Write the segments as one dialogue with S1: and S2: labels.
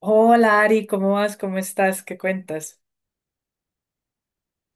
S1: Hola Ari, ¿cómo vas? ¿Cómo estás? ¿Qué cuentas?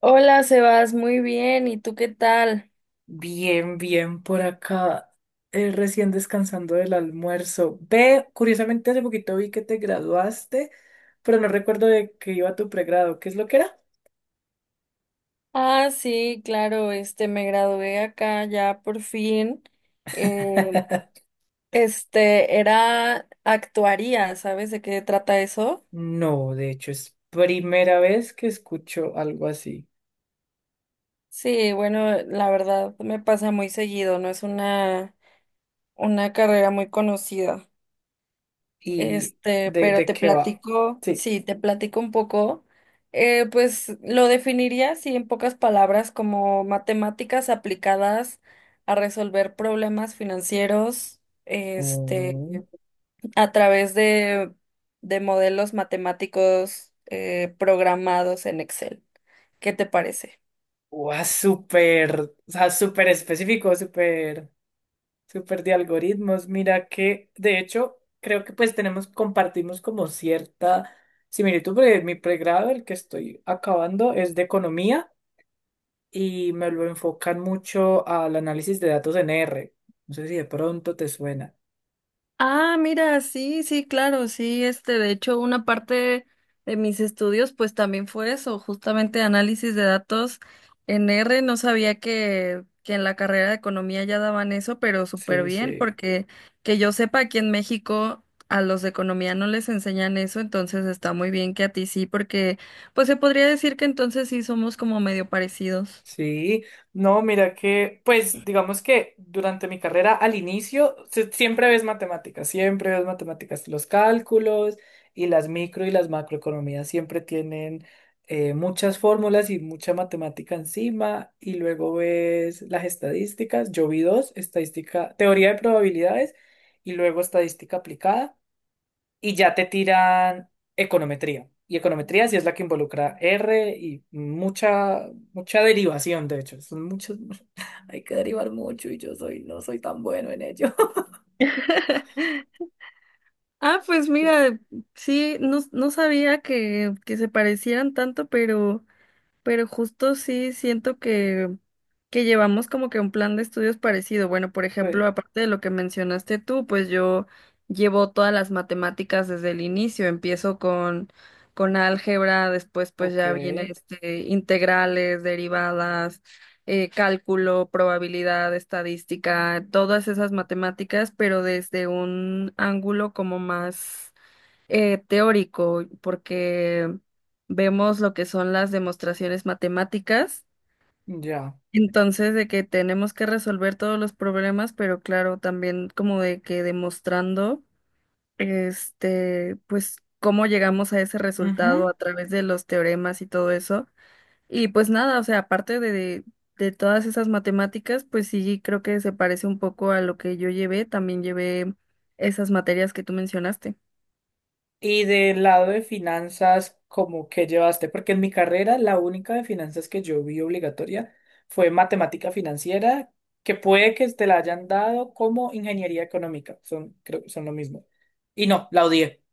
S2: Hola, Sebas, muy bien. ¿Y tú qué tal?
S1: Bien, bien, por acá, recién descansando del almuerzo. Ve, curiosamente hace poquito vi que te graduaste, pero no recuerdo de que iba tu pregrado. ¿Qué es lo que era?
S2: Ah, sí, claro, me gradué acá ya por fin. Eh, Era actuaría, ¿sabes de qué trata eso?
S1: No, de hecho es primera vez que escucho algo así.
S2: Sí, bueno, la verdad me pasa muy seguido, no es una carrera muy conocida.
S1: ¿Y de,
S2: Pero
S1: de
S2: te
S1: qué va?
S2: platico,
S1: Sí.
S2: sí, te platico un poco. Pues lo definiría así en pocas palabras como matemáticas aplicadas a resolver problemas financieros,
S1: Oh.
S2: a través de modelos matemáticos programados en Excel. ¿Qué te parece?
S1: Guau, súper, o sea, súper específico, súper. Súper de algoritmos. Mira que, de hecho, creo que pues tenemos, compartimos como cierta similitud, porque mi pregrado, el que estoy acabando, es de economía y me lo enfocan mucho al análisis de datos en R. No sé si de pronto te suena.
S2: Ah, mira, sí, sí, claro, sí, de hecho, una parte de mis estudios, pues también fue eso, justamente análisis de datos en R. No sabía que en la carrera de economía ya daban eso, pero súper
S1: Sí,
S2: bien,
S1: sí.
S2: porque que yo sepa, aquí en México a los de economía no les enseñan eso, entonces está muy bien que a ti sí, porque pues se podría decir que entonces sí somos como medio parecidos.
S1: Sí, no, mira que, pues digamos que durante mi carrera al inicio siempre ves matemáticas, los cálculos y las micro y las macroeconomías siempre tienen muchas fórmulas y mucha matemática encima y luego ves las estadísticas, yo vi dos, estadística, teoría de probabilidades y luego estadística aplicada y ya te tiran econometría. Y econometría sí es la que involucra R y mucha, mucha derivación, de hecho. Son muchos, hay que derivar mucho y yo soy, no soy tan bueno en ello.
S2: Ah, pues mira, sí, no, no sabía que se parecieran tanto, pero... Pero justo sí siento que llevamos como que un plan de estudios parecido. Bueno, por ejemplo,
S1: Pues,
S2: aparte de lo que mencionaste tú, pues yo llevo todas las matemáticas desde el inicio. Empiezo con álgebra, después pues
S1: ok,
S2: ya viene integrales, derivadas, cálculo, probabilidad, estadística, todas esas matemáticas, pero desde un ángulo como más teórico, porque vemos lo que son las demostraciones matemáticas,
S1: ya.
S2: entonces de que tenemos que resolver todos los problemas, pero claro, también como de que demostrando, pues cómo llegamos a ese
S1: Ujú.
S2: resultado a través de los teoremas y todo eso. Y pues nada, o sea, aparte de todas esas matemáticas, pues sí, creo que se parece un poco a lo que yo llevé, también llevé esas materias que tú mencionaste.
S1: Y del lado de finanzas, ¿cómo que llevaste? Porque en mi carrera la única de finanzas que yo vi obligatoria fue matemática financiera, que puede que te la hayan dado como ingeniería económica. Son, creo que son lo mismo. Y no, la odié.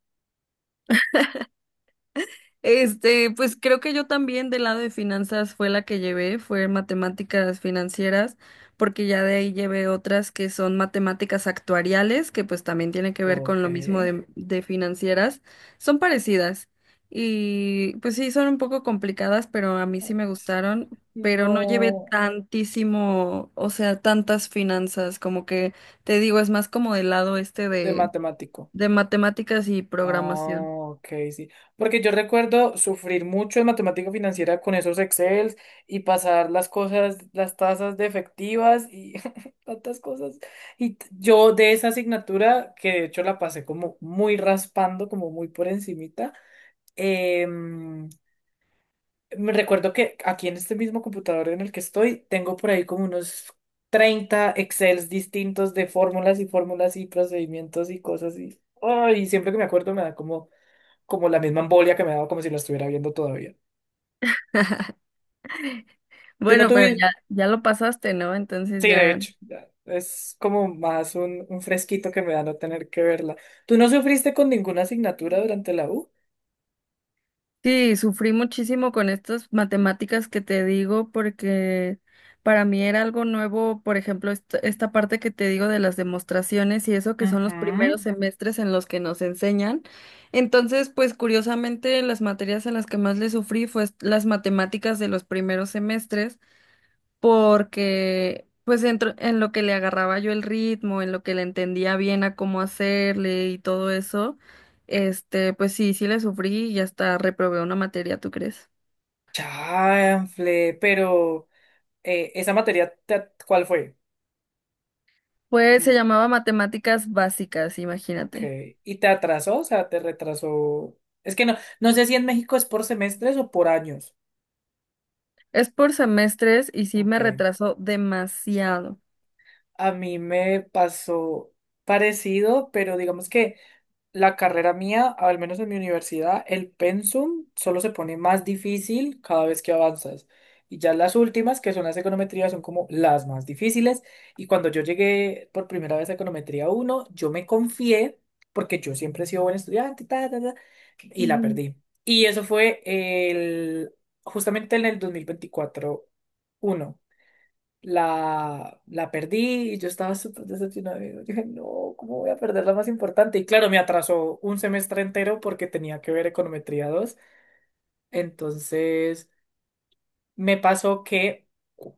S2: Pues creo que yo también del lado de finanzas fue la que llevé, fue matemáticas financieras, porque ya de ahí llevé otras que son matemáticas actuariales, que pues también tienen que ver con
S1: Ok.
S2: lo mismo de financieras, son parecidas y pues sí, son un poco complicadas, pero a mí sí me gustaron, pero no llevé
S1: No,
S2: tantísimo, o sea, tantas finanzas, como que te digo, es más como del lado
S1: de
S2: de,
S1: matemático.
S2: de matemáticas y programación.
S1: Ah, ok, sí. Porque yo recuerdo sufrir mucho en matemática financiera con esos Excel y pasar las cosas, las tasas de efectivas y tantas cosas. Y yo de esa asignatura, que de hecho la pasé como muy raspando, como muy por encimita, em, me recuerdo que aquí en este mismo computador en el que estoy, tengo por ahí como unos 30 Excels distintos de fórmulas y fórmulas y procedimientos y cosas y, ay, siempre que me acuerdo me da como, como la misma embolia que me daba como si la estuviera viendo todavía. ¿Tú no
S2: Bueno, pero
S1: tuviste?
S2: ya, ya lo pasaste, ¿no? Entonces
S1: Sí, de
S2: ya.
S1: hecho, ya, es como más un fresquito que me da no tener que verla. ¿Tú no sufriste con ninguna asignatura durante la U?
S2: Sí, sufrí muchísimo con estas matemáticas que te digo porque para mí era algo nuevo, por ejemplo, esta parte que te digo de las demostraciones y eso que son los
S1: Ujú.
S2: primeros semestres en los que nos enseñan. Entonces, pues curiosamente, las materias en las que más le sufrí fue las matemáticas de los primeros semestres, porque pues en lo que le agarraba yo el ritmo, en lo que le entendía bien a cómo hacerle y todo eso, pues sí, sí le sufrí y hasta reprobé una materia, ¿tú crees?
S1: Chanfle, pero esa materia, ¿cuál fue?
S2: Pues se llamaba matemáticas básicas,
S1: Ok.
S2: imagínate.
S1: ¿Y te atrasó? O sea, te retrasó. Es que no, no sé si en México es por semestres o por años.
S2: Es por semestres y sí me
S1: Ok.
S2: retrasó demasiado.
S1: A mí me pasó parecido, pero digamos que la carrera mía, al menos en mi universidad, el pensum solo se pone más difícil cada vez que avanzas. Y ya las últimas, que son las econometrías, son como las más difíciles. Y cuando yo llegué por primera vez a econometría uno yo me confié, porque yo siempre he sido buen estudiante, ta, ta, ta, y la
S2: Ujú,
S1: perdí. Y eso fue el, justamente en el 2024 uno la, la perdí y yo estaba súper decepcionada. Yo dije, no, ¿cómo voy a perder la más importante? Y claro, me atrasó un semestre entero porque tenía que ver econometría dos. Entonces, me pasó que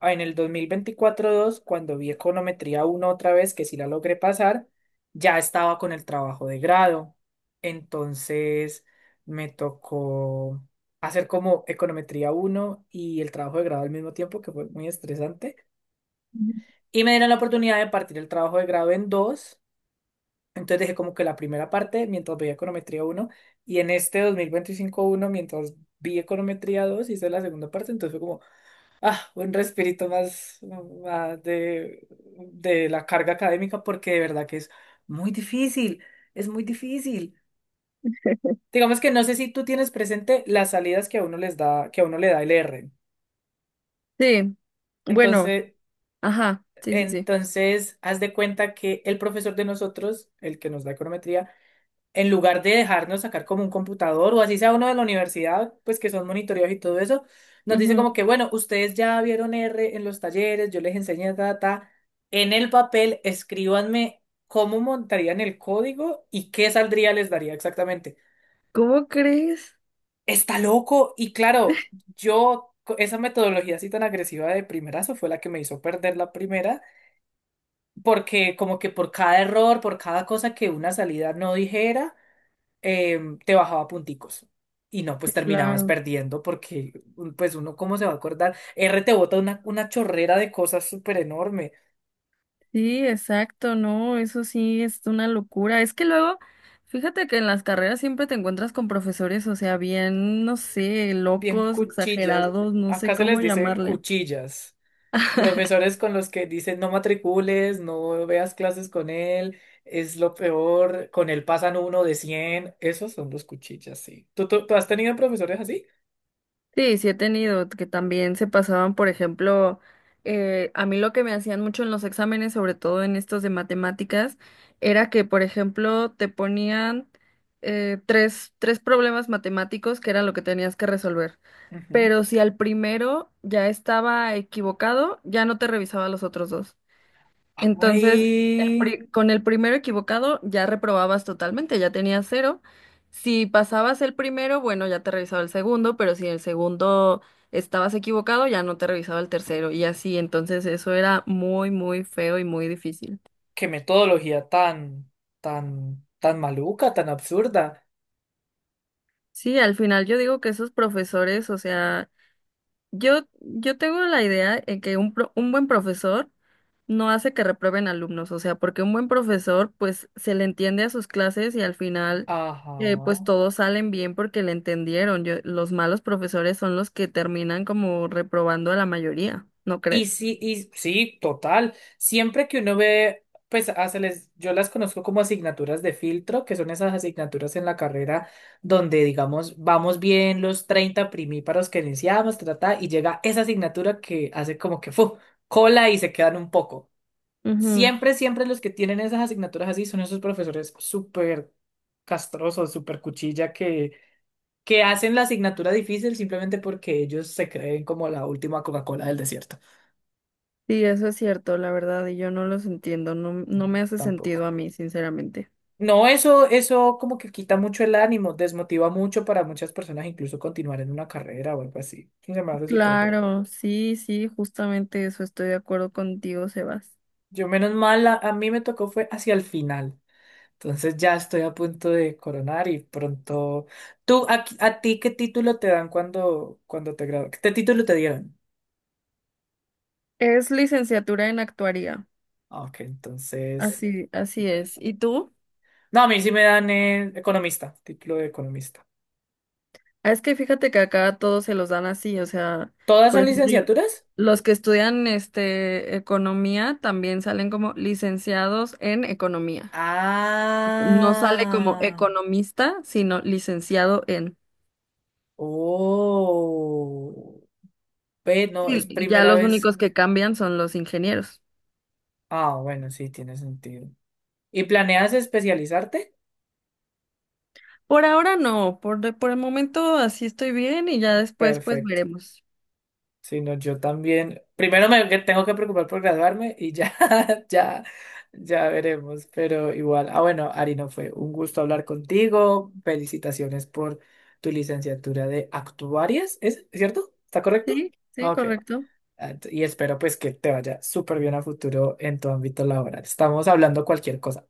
S1: en el 2024 dos cuando vi econometría uno otra vez, que sí la logré pasar, ya estaba con el trabajo de grado. Entonces, me tocó hacer como econometría uno y el trabajo de grado al mismo tiempo, que fue muy estresante.
S2: ujú.
S1: Y me dieron la oportunidad de partir el trabajo de grado en dos. Entonces dejé como que la primera parte mientras veía econometría uno y en este 2025 uno mientras vi econometría 2 hice la segunda parte. Entonces fue como, ah, un respirito más, más de la carga académica porque de verdad que es muy difícil, es muy difícil. Digamos que no sé si tú tienes presente las salidas que a uno les da, que a uno le da el R.
S2: Sí, bueno,
S1: Entonces,
S2: ajá, sí, sí, sí.
S1: entonces, haz de cuenta que el profesor de nosotros, el que nos da econometría, en lugar de dejarnos sacar como un computador o así sea uno de la universidad, pues que son monitoreos y todo eso, nos dice
S2: Ujú.
S1: como que, bueno, ustedes ya vieron R en los talleres, yo les enseñé data, en el papel escríbanme cómo montarían el código y qué saldría les daría exactamente.
S2: ¿Cómo crees?
S1: Está loco y claro, esa metodología así tan agresiva de primerazo fue la que me hizo perder la primera, porque como que por cada error, por cada cosa que una salida no dijera, te bajaba punticos. Y no, pues terminabas
S2: Claro.
S1: perdiendo porque, pues uno, ¿cómo se va a acordar? R te bota una chorrera de cosas súper enorme,
S2: Sí, exacto, no, eso sí es una locura. Es que luego, fíjate que en las carreras siempre te encuentras con profesores, o sea, bien, no sé,
S1: bien
S2: locos,
S1: cuchillas.
S2: exagerados, no sé
S1: Acá se les
S2: cómo
S1: dice
S2: llamarle.
S1: cuchillas. Profesores con los que dicen no matricules, no veas clases con él, es lo peor, con él pasan 1 de 100. Esos son los cuchillas, sí. ¿Tú has tenido profesores así?
S2: Sí, sí he tenido, que también se pasaban, por ejemplo, a mí lo que me hacían mucho en los exámenes, sobre todo en estos de matemáticas, era que, por ejemplo, te ponían tres problemas matemáticos que era lo que tenías que resolver,
S1: Ujú.
S2: pero si al primero ya estaba equivocado, ya no te revisaba los otros dos. Entonces,
S1: Ay,
S2: con el primero equivocado ya reprobabas totalmente, ya tenías cero. Si pasabas el primero, bueno, ya te revisaba el segundo, pero si el segundo estabas equivocado, ya no te revisaba el tercero y así. Entonces, eso era muy, muy feo y muy difícil.
S1: qué metodología tan, tan, tan maluca, tan absurda.
S2: Sí, al final yo digo que esos profesores, o sea... Yo tengo la idea de que un buen profesor no hace que reprueben alumnos, o sea, porque un buen profesor pues se le entiende a sus clases y al final pues
S1: Ajá.
S2: todos salen bien porque le entendieron. Los malos profesores son los que terminan como reprobando a la mayoría, ¿no crees?
S1: Y sí, total. Siempre que uno ve, pues yo las conozco como asignaturas de filtro, que son esas asignaturas en la carrera donde, digamos, vamos bien los 30 primíparos que iniciamos, trata, y llega esa asignatura que hace como que fu, cola y se quedan un poco.
S2: Ujú.
S1: Siempre, siempre los que tienen esas asignaturas así son esos profesores súper castrosos, súper cuchilla, que hacen la asignatura difícil simplemente porque ellos se creen como la última Coca-Cola del desierto.
S2: Sí, eso es cierto, la verdad, y yo no los entiendo, no, no me hace sentido
S1: Tampoco.
S2: a mí, sinceramente.
S1: No, eso como que quita mucho el ánimo, desmotiva mucho para muchas personas incluso continuar en una carrera o algo así. Eso se me hace súper bobo.
S2: Claro, sí, sí, justamente eso, estoy de acuerdo contigo, Sebas.
S1: Yo menos mal, a mí me tocó fue hacia el final. Entonces ya estoy a punto de coronar y pronto... ¿Tú, a ti qué título te dan cuando, cuando te gradúas? ¿Qué título te dieron?
S2: Es licenciatura en actuaría.
S1: Ah, ok, entonces...
S2: Así,
S1: No,
S2: así es. ¿Y tú?
S1: a mí sí me dan economista, título de economista.
S2: Ah, es que fíjate que acá todos se los dan así, o sea,
S1: ¿Todas
S2: por
S1: son
S2: ejemplo,
S1: licenciaturas?
S2: los que estudian economía también salen como licenciados en economía. No sale como
S1: Ah.
S2: economista, sino licenciado en.
S1: Oh, ve, no, es
S2: Sí, ya
S1: primera
S2: los
S1: vez.
S2: únicos que cambian son los ingenieros.
S1: Ah, bueno, sí, tiene sentido. ¿Y planeas especializarte?
S2: Por ahora no, por el momento así estoy bien y ya después pues
S1: Perfecto.
S2: veremos.
S1: Si no, yo también. Primero me que tengo que preocupar por graduarme y ya, ya, ya veremos. Pero igual, ah, bueno, Ari, no fue un gusto hablar contigo. Felicitaciones por tu licenciatura de actuarias, ¿es cierto? ¿Está correcto?
S2: Sí, sí,
S1: Ok.
S2: correcto.
S1: Ah, y espero pues que te vaya súper bien a futuro en tu ámbito laboral. Estamos hablando cualquier cosa.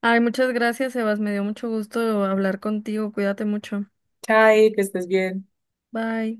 S2: Ay, muchas gracias, Sebas. Me dio mucho gusto hablar contigo. Cuídate mucho.
S1: Chai, que estés bien.
S2: Bye.